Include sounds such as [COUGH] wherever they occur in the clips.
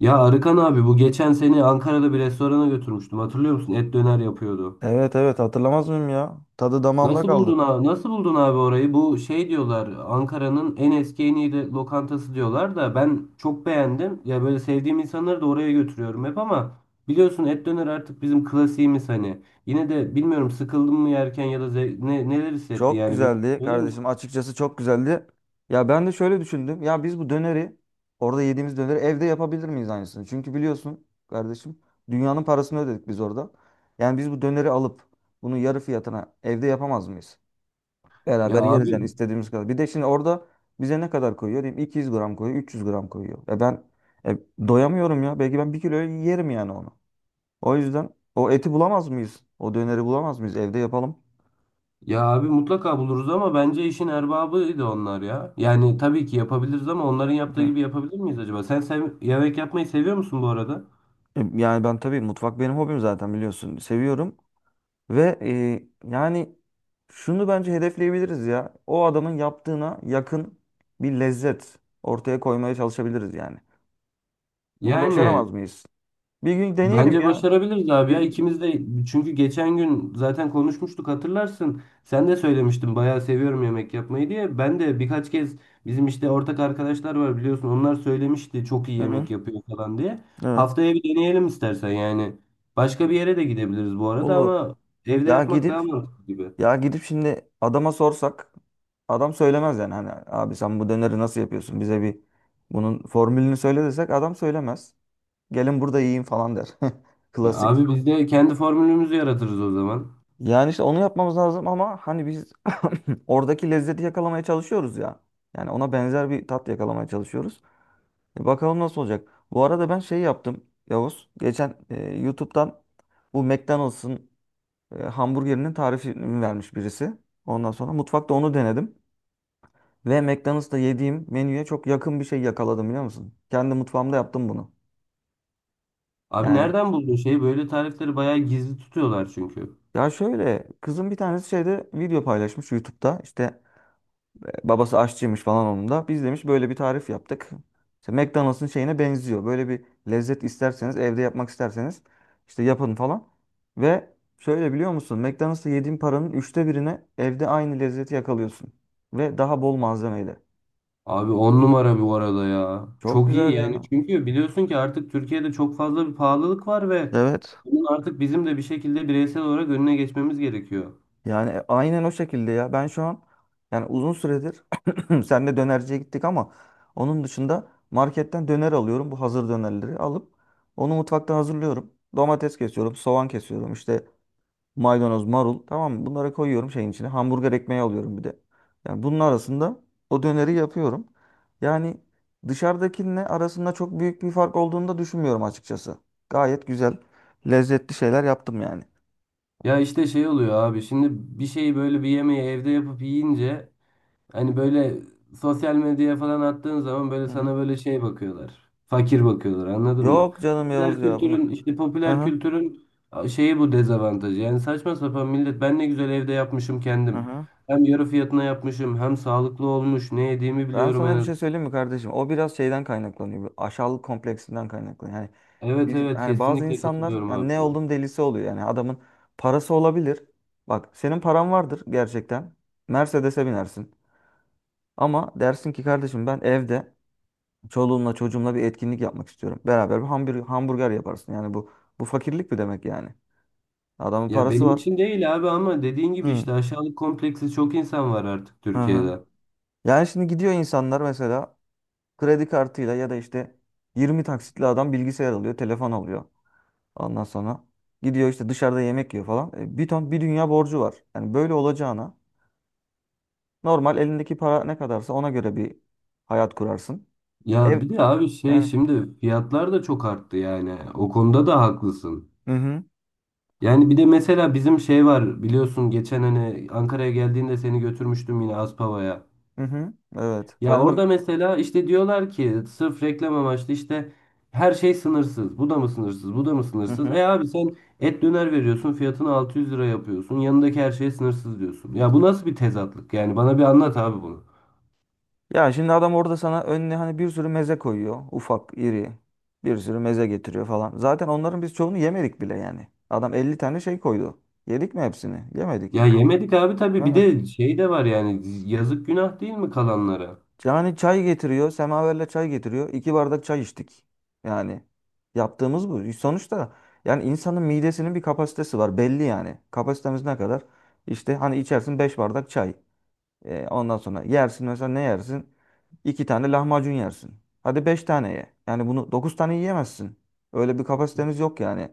Ya Arıkan abi bu geçen seni Ankara'da bir restorana götürmüştüm. Hatırlıyor musun? Et döner yapıyordu. Evet, evet, hatırlamaz mıyım ya? Tadı damağımda Nasıl kaldı. buldun abi? Nasıl buldun abi orayı? Bu şey diyorlar Ankara'nın en eski en iyi lokantası diyorlar da ben çok beğendim. Ya böyle sevdiğim insanları da oraya götürüyorum hep ama biliyorsun et döner artık bizim klasiğimiz hani. Yine de bilmiyorum sıkıldın mı yerken ya da neler hissetti Çok yani bir güzeldi söyler kardeşim. misin? Açıkçası çok güzeldi. Ya ben de şöyle düşündüm. Ya biz bu döneri orada yediğimiz döneri evde yapabilir miyiz aynısını? Çünkü biliyorsun kardeşim, dünyanın parasını ödedik biz orada. Yani biz bu döneri alıp bunu yarı fiyatına evde yapamaz mıyız? Ya Beraber yeriz abi yani istediğimiz kadar. Bir de şimdi orada bize ne kadar koyuyor? Diyeyim 200 gram koyuyor, 300 gram koyuyor. E ben e, doyamıyorum ya. Belki ben bir kilo yerim yani onu. O yüzden o eti bulamaz mıyız? O döneri bulamaz mıyız? Evde yapalım. Ya abi mutlaka buluruz ama bence işin erbabıydı onlar ya. Yani tabii ki yapabiliriz ama onların yaptığı Hı. gibi yapabilir miyiz acaba? Sen yemek yapmayı seviyor musun bu arada? Yani ben tabii mutfak benim hobim zaten biliyorsun. Seviyorum ve yani şunu bence hedefleyebiliriz ya. O adamın yaptığına yakın bir lezzet ortaya koymaya çalışabiliriz yani. Bunu Yani başaramaz mıyız? Bir gün deneyelim bence ya. başarabiliriz abi ya. Bir- İkimiz de çünkü geçen gün zaten konuşmuştuk hatırlarsın. Sen de söylemiştin bayağı seviyorum yemek yapmayı diye. Ben de birkaç kez bizim işte ortak arkadaşlar var biliyorsun. Onlar söylemişti çok iyi Hı hı. yemek yapıyor falan diye. Evet. Haftaya bir deneyelim istersen yani. Başka bir yere de gidebiliriz bu arada Olur. ama evde Ya yapmak daha gidip mantıklı gibi. Ya gidip şimdi adama sorsak adam söylemez yani. Hani abi sen bu döneri nasıl yapıyorsun? Bize bir bunun formülünü söyle desek adam söylemez. Gelin burada yiyin falan der. [LAUGHS] Ya Klasik. abi biz de kendi formülümüzü yaratırız o zaman. Yani işte onu yapmamız lazım ama hani biz [LAUGHS] [CLEARS THROAT] oradaki lezzeti yakalamaya çalışıyoruz ya. Yani ona benzer bir tat yakalamaya çalışıyoruz. E bakalım nasıl olacak. Bu arada ben şey yaptım Yavuz. Geçen YouTube'dan bu McDonald's'ın hamburgerinin tarifini vermiş birisi. Ondan sonra mutfakta onu denedim. Ve McDonald's'ta yediğim menüye çok yakın bir şey yakaladım, biliyor musun? Kendi mutfağımda yaptım bunu. Abi Yani nereden buldun şeyi? Böyle tarifleri bayağı gizli tutuyorlar çünkü. ya şöyle, kızım bir tanesi şeyde video paylaşmış YouTube'da. İşte babası aşçıymış falan onun da. Biz demiş böyle bir tarif yaptık. İşte McDonald's'ın şeyine benziyor. Böyle bir lezzet isterseniz, evde yapmak isterseniz işte yapın falan. Ve şöyle, biliyor musun? McDonald's'ta yediğin paranın üçte birine evde aynı lezzeti yakalıyorsun. Ve daha bol malzemeyle. Abi on numara bu arada ya. Çok Çok iyi güzel yani ya. çünkü biliyorsun ki artık Türkiye'de çok fazla bir pahalılık var ve Evet. bunun artık bizim de bir şekilde bireysel olarak önüne geçmemiz gerekiyor. Yani aynen o şekilde ya. Ben şu an yani uzun süredir [CLEARS THROAT] senle dönerciye gittik ama onun dışında marketten döner alıyorum. Bu hazır dönerleri alıp onu mutfakta hazırlıyorum. Domates kesiyorum, soğan kesiyorum, işte maydanoz, marul, tamam mı? Bunları koyuyorum şeyin içine. Hamburger ekmeği alıyorum bir de. Yani bunun arasında o döneri yapıyorum. Yani dışarıdakinle arasında çok büyük bir fark olduğunu da düşünmüyorum açıkçası. Gayet güzel, lezzetli şeyler yaptım yani. Ya işte şey oluyor abi şimdi bir şeyi böyle bir yemeği evde yapıp yiyince hani böyle sosyal medyaya falan attığın zaman böyle Hı hı. sana böyle şey bakıyorlar. Fakir bakıyorlar anladın mı? Yok canım Yavuz Popüler ya bunu. kültürün işte popüler Aha, kültürün şeyi bu dezavantajı. Yani saçma sapan millet ben ne güzel evde yapmışım kendim. aha. Hem yarı fiyatına yapmışım hem sağlıklı olmuş. Ne yediğimi Ben biliyorum en sana bir az. şey söyleyeyim mi kardeşim? O biraz şeyden kaynaklanıyor, bu aşağılık kompleksinden kaynaklanıyor. Yani Evet bizim evet, yani bazı kesinlikle insanlar katılıyorum yani abi ne sana. oldum delisi oluyor. Yani adamın parası olabilir. Bak, senin paran vardır gerçekten. Mercedes'e binersin. Ama dersin ki kardeşim, ben evde çoluğumla çocuğumla bir etkinlik yapmak istiyorum. Beraber bir hamburger yaparsın. Yani bu fakirlik mi demek yani? Adamın Ya parası benim var. için değil abi ama dediğin gibi Hı. işte aşağılık kompleksi çok insan var artık Hı hı. Türkiye'de. Yani şimdi gidiyor insanlar, mesela kredi kartıyla ya da işte 20 taksitli adam bilgisayar alıyor, telefon alıyor. Ondan sonra gidiyor, işte dışarıda yemek yiyor falan. E, bir ton bir dünya borcu var. Yani böyle olacağına normal elindeki para ne kadarsa ona göre bir hayat kurarsın. Ev Ya bir de abi şey yani, şimdi fiyatlar da çok arttı yani. O konuda da haklısın. hı hı, Yani bir de mesela bizim şey var biliyorsun geçen hani Ankara'ya geldiğinde seni götürmüştüm yine Aspava'ya. hı hı, evet. Ya orada mesela işte diyorlar ki sırf reklam amaçlı işte her şey sınırsız. Bu da mı sınırsız? Bu da mı Hı sınırsız? hı. E abi sen et döner veriyorsun fiyatını 600 lira yapıyorsun. Yanındaki her şey sınırsız diyorsun. Ya bu nasıl bir tezatlık? Yani bana bir anlat abi bunu. Ya şimdi adam orada sana önüne hani bir sürü meze koyuyor. Ufak, iri. Bir sürü meze getiriyor falan. Zaten onların biz çoğunu yemedik bile yani. Adam 50 tane şey koydu. Yedik mi hepsini? Yemedik. Ya yemedik abi tabii, [LAUGHS] bir de şey de var yani yazık, günah değil mi kalanlara? Yani çay getiriyor. Semaverle çay getiriyor. İki bardak çay içtik. Yani yaptığımız bu. Sonuçta yani insanın midesinin bir kapasitesi var. Belli yani. Kapasitemiz ne kadar? İşte hani içersin beş bardak çay. E, ondan sonra yersin, mesela ne yersin? İki tane lahmacun yersin. Hadi beş tane ye. Yani bunu dokuz tane yiyemezsin. Öyle bir kapasitemiz yok yani.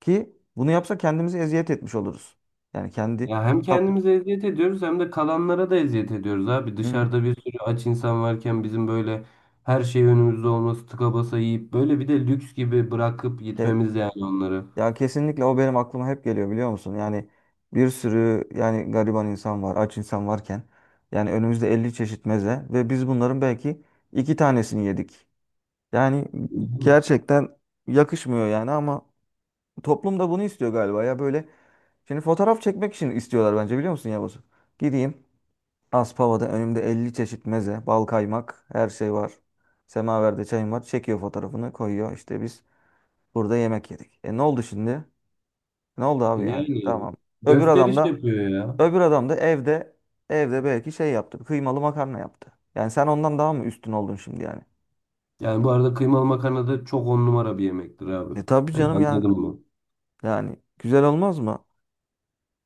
Ki bunu yapsa kendimizi eziyet etmiş oluruz. Yani kendi... Ya hem kendimize eziyet ediyoruz hem de kalanlara da eziyet ediyoruz abi. Hı. Dışarıda bir sürü aç insan varken bizim böyle her şey önümüzde olması, tıka basa yiyip böyle bir de lüks gibi bırakıp gitmemiz yani onları. Ya kesinlikle, o benim aklıma hep geliyor, biliyor musun? Yani bir sürü yani gariban insan var, aç insan varken yani önümüzde 50 çeşit meze ve biz bunların belki iki tanesini yedik. Yani Değil mi? gerçekten yakışmıyor yani, ama toplum da bunu istiyor galiba ya böyle. Şimdi fotoğraf çekmek için istiyorlar bence, biliyor musun Yavuz? Gideyim Aspava'da önümde 50 çeşit meze, bal kaymak, her şey var. Semaverde çayım var. Çekiyor fotoğrafını koyuyor. İşte biz burada yemek yedik. E ne oldu şimdi? Ne oldu abi yani? Yani Tamam. Öbür adam gösteriş da yapıyor ya. Öbür adam da evde, belki şey yaptı. Kıymalı makarna yaptı. Yani sen ondan daha mı üstün oldun şimdi yani? Yani bu arada kıymalı makarna da çok on numara bir yemektir abi. E tabii Hani canım yani anladım. Güzel olmaz mı?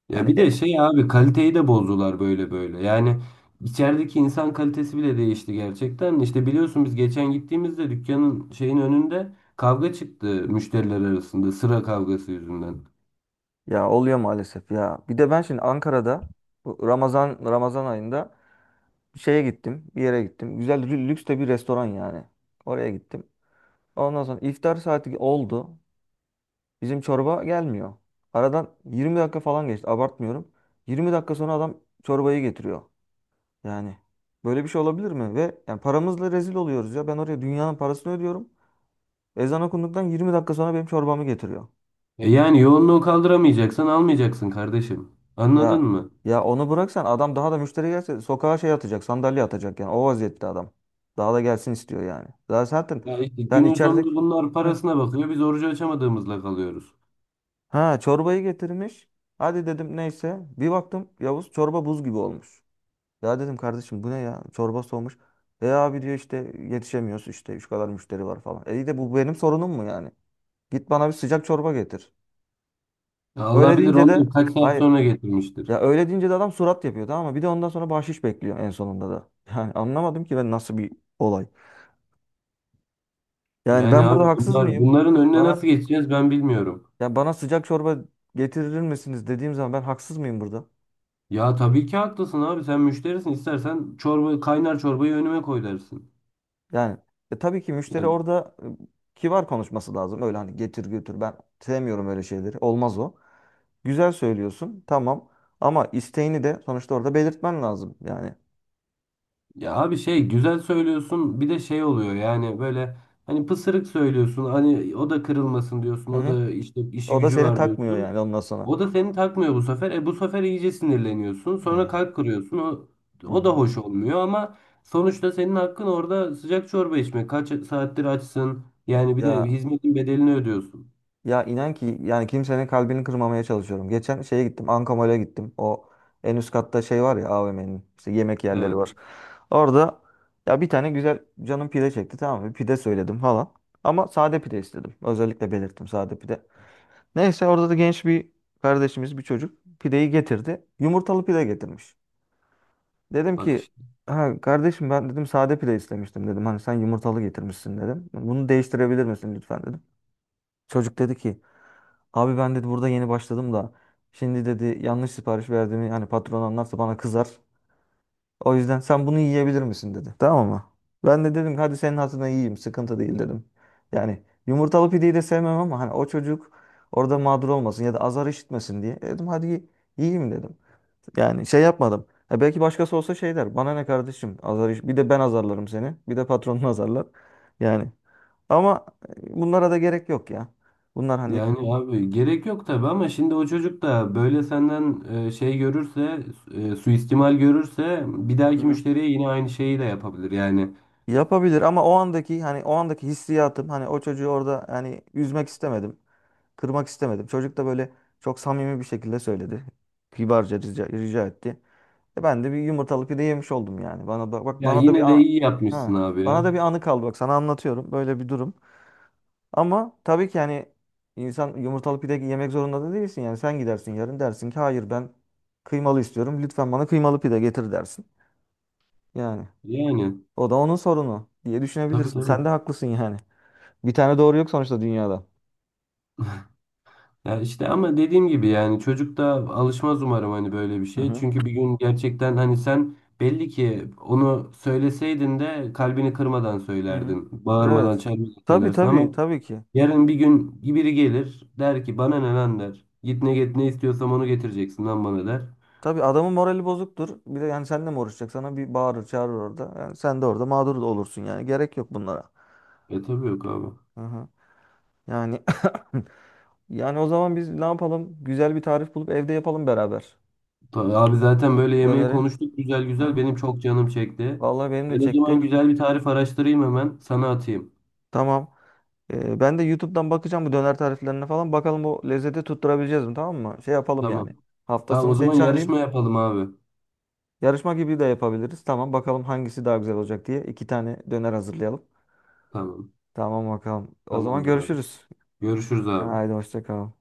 Ya Yani bir de şey abi kaliteyi de bozdular böyle böyle. Yani içerideki insan kalitesi bile değişti gerçekten. İşte biliyorsun biz geçen gittiğimizde dükkanın şeyin önünde kavga çıktı müşteriler arasında sıra kavgası yüzünden. ya oluyor maalesef ya. Bir de ben şimdi Ankara'da bu Ramazan ayında bir şeye gittim. Bir yere gittim. Güzel lüks de bir restoran yani. Oraya gittim. Ondan sonra iftar saati oldu. Bizim çorba gelmiyor. Aradan 20 dakika falan geçti. Abartmıyorum. 20 dakika sonra adam çorbayı getiriyor. Yani böyle bir şey olabilir mi? Ve yani paramızla rezil oluyoruz ya. Ben oraya dünyanın parasını ödüyorum. Ezan okunduktan 20 dakika sonra benim çorbamı getiriyor. Evet. Yani yoğunluğu kaldıramayacaksan almayacaksın kardeşim. Anladın Ya mı? Ya onu bıraksan adam daha da müşteri gelse sokağa şey atacak, sandalye atacak yani. O vaziyette adam. Daha da gelsin istiyor yani. Daha zaten Ya işte sen günün sonunda içerideki. bunlar Heh. parasına bakıyor. Biz orucu açamadığımızla kalıyoruz. Ha, çorbayı getirmiş. Hadi dedim, neyse. Bir baktım Yavuz, çorba buz gibi olmuş. Ya dedim kardeşim, bu ne ya? Çorba soğumuş. E abi diyor, işte yetişemiyoruz, işte şu kadar müşteri var falan. E iyi de, bu benim sorunum mu yani? Git bana bir sıcak çorba getir. Ya Öyle Allah bilir deyince de onları kaç saat hayır. sonra getirmiştir. Ya öyle deyince de adam surat yapıyor tamam mı? Bir de ondan sonra bahşiş bekliyor en sonunda da. [LAUGHS] Yani anlamadım ki ben, nasıl bir olay. Yani Yani ben abi burada haksız bunlar mıyım? bunların önüne nasıl Bana geçeceğiz ben bilmiyorum. Bana sıcak çorba getirir misiniz dediğim zaman ben haksız mıyım burada? Ya tabii ki haklısın abi, sen müşterisin istersen çorba kaynar, çorbayı önüme koy dersin. Yani tabii ki müşteri Ya, orada kibar konuşması lazım. Öyle hani getir götür, ben sevmiyorum öyle şeyleri. Olmaz o. Güzel söylüyorsun tamam, ama isteğini de sonuçta orada belirtmen lazım yani. ya abi şey güzel söylüyorsun bir de şey oluyor yani böyle hani pısırık söylüyorsun, hani o da kırılmasın diyorsun, Hı o hı. da işte işi O da gücü seni var takmıyor diyorsun. yani ondan sonra. O da seni takmıyor bu sefer. E bu sefer iyice sinirleniyorsun sonra Ya. kalp kırıyorsun o, Hı o da hı. hoş olmuyor ama sonuçta senin hakkın orada sıcak çorba içmek, kaç saattir açsın yani bir de Ya hizmetin bedelini ödüyorsun. Ya inan ki yani kimsenin kalbini kırmamaya çalışıyorum. Geçen şeye gittim. Ankamol'e gittim. O en üst katta şey var ya, AVM'nin işte yemek yerleri Evet, var. Orada ya bir tane güzel canım pide çekti tamam mı? Pide söyledim falan. Ama sade pide istedim. Özellikle belirttim, sade pide. Neyse orada da genç bir kardeşimiz, bir çocuk pideyi getirdi. Yumurtalı pide getirmiş. Dedim bak ki, işte. ha kardeşim ben dedim sade pide istemiştim dedim. Hani sen yumurtalı getirmişsin dedim. Bunu değiştirebilir misin lütfen dedim. Çocuk dedi ki, abi ben dedi burada yeni başladım da, şimdi dedi yanlış sipariş verdiğimi hani patron anlarsa bana kızar. O yüzden sen bunu yiyebilir misin dedi. Tamam mı? Ben de dedim ki, hadi senin hatırına yiyeyim, sıkıntı değil dedim. Yani yumurtalı pideyi de sevmem ama hani o çocuk orada mağdur olmasın ya da azar işitmesin diye. E dedim hadi yiyeyim dedim. Yani şey yapmadım. Ha, belki başkası olsa şey der. Bana ne kardeşim? Azar iş. Bir de ben azarlarım seni. Bir de patronun [LAUGHS] azarlar. Yani ama bunlara da gerek yok ya. Bunlar hani. Yani abi gerek yok tabii ama şimdi o çocuk da böyle senden şey görürse, suistimal görürse bir dahaki müşteriye yine aynı şeyi de yapabilir. Yani Yapabilir ama o andaki hani o andaki hissiyatım, hani o çocuğu orada hani üzmek istemedim. Kırmak istemedim. Çocuk da böyle çok samimi bir şekilde söyledi. Kibarca rica etti. E ben de bir yumurtalı pide yemiş oldum yani. Bana da bak, ya bana da bir yine de an, iyi yapmışsın ha, abi bana ya. da bir anı kaldı, bak sana anlatıyorum böyle bir durum. Ama tabii ki hani insan yumurtalı pide yemek zorunda da değilsin, yani sen gidersin yarın dersin ki hayır, ben kıymalı istiyorum. Lütfen bana kıymalı pide getir dersin. Yani Yani o da onun sorunu diye tabii düşünebilirsin. tabii. Sen de haklısın yani. Bir tane doğru yok sonuçta dünyada. Ya işte ama dediğim gibi yani çocuk da alışmaz umarım hani böyle bir Hı şey. hı. Çünkü bir gün gerçekten hani sen belli ki onu söyleseydin de kalbini kırmadan Hı hı. söylerdin. Bağırmadan, Evet. çağırmadan Tabii, söylersin tabii, ama tabii ki. yarın bir gün biri gelir der ki bana ne lan der. Git ne istiyorsam onu getireceksin lan bana der. Tabii adamın morali bozuktur. Bir de yani seninle mi uğraşacak? Sana bir bağırır çağırır orada. Yani sen de orada mağdur da olursun yani. Gerek yok bunlara. E tabii yok abi. Hı hı. Yani [COUGHS] [LAUGHS] yani o zaman biz ne yapalım? Güzel bir tarif bulup evde yapalım beraber. Abi zaten böyle yemeği Döneri. konuştuk güzel güzel, Hı. benim çok canım çekti. Vallahi benim de Ben o çekti. zaman güzel bir tarif araştırayım hemen sana atayım. Tamam. Ben de YouTube'dan bakacağım bu döner tariflerine falan. Bakalım o lezzeti tutturabileceğiz mi? Tamam mı? Şey yapalım yani. Tamam. Hafta Tamam, sonu o seni zaman çağırayım. yarışma yapalım abi. Yarışma gibi de yapabiliriz. Tamam bakalım hangisi daha güzel olacak diye iki tane döner hazırlayalım. Tamam. Tamam bakalım. O zaman Tamamdır abi. görüşürüz. Görüşürüz abi. Haydi hoşça kal.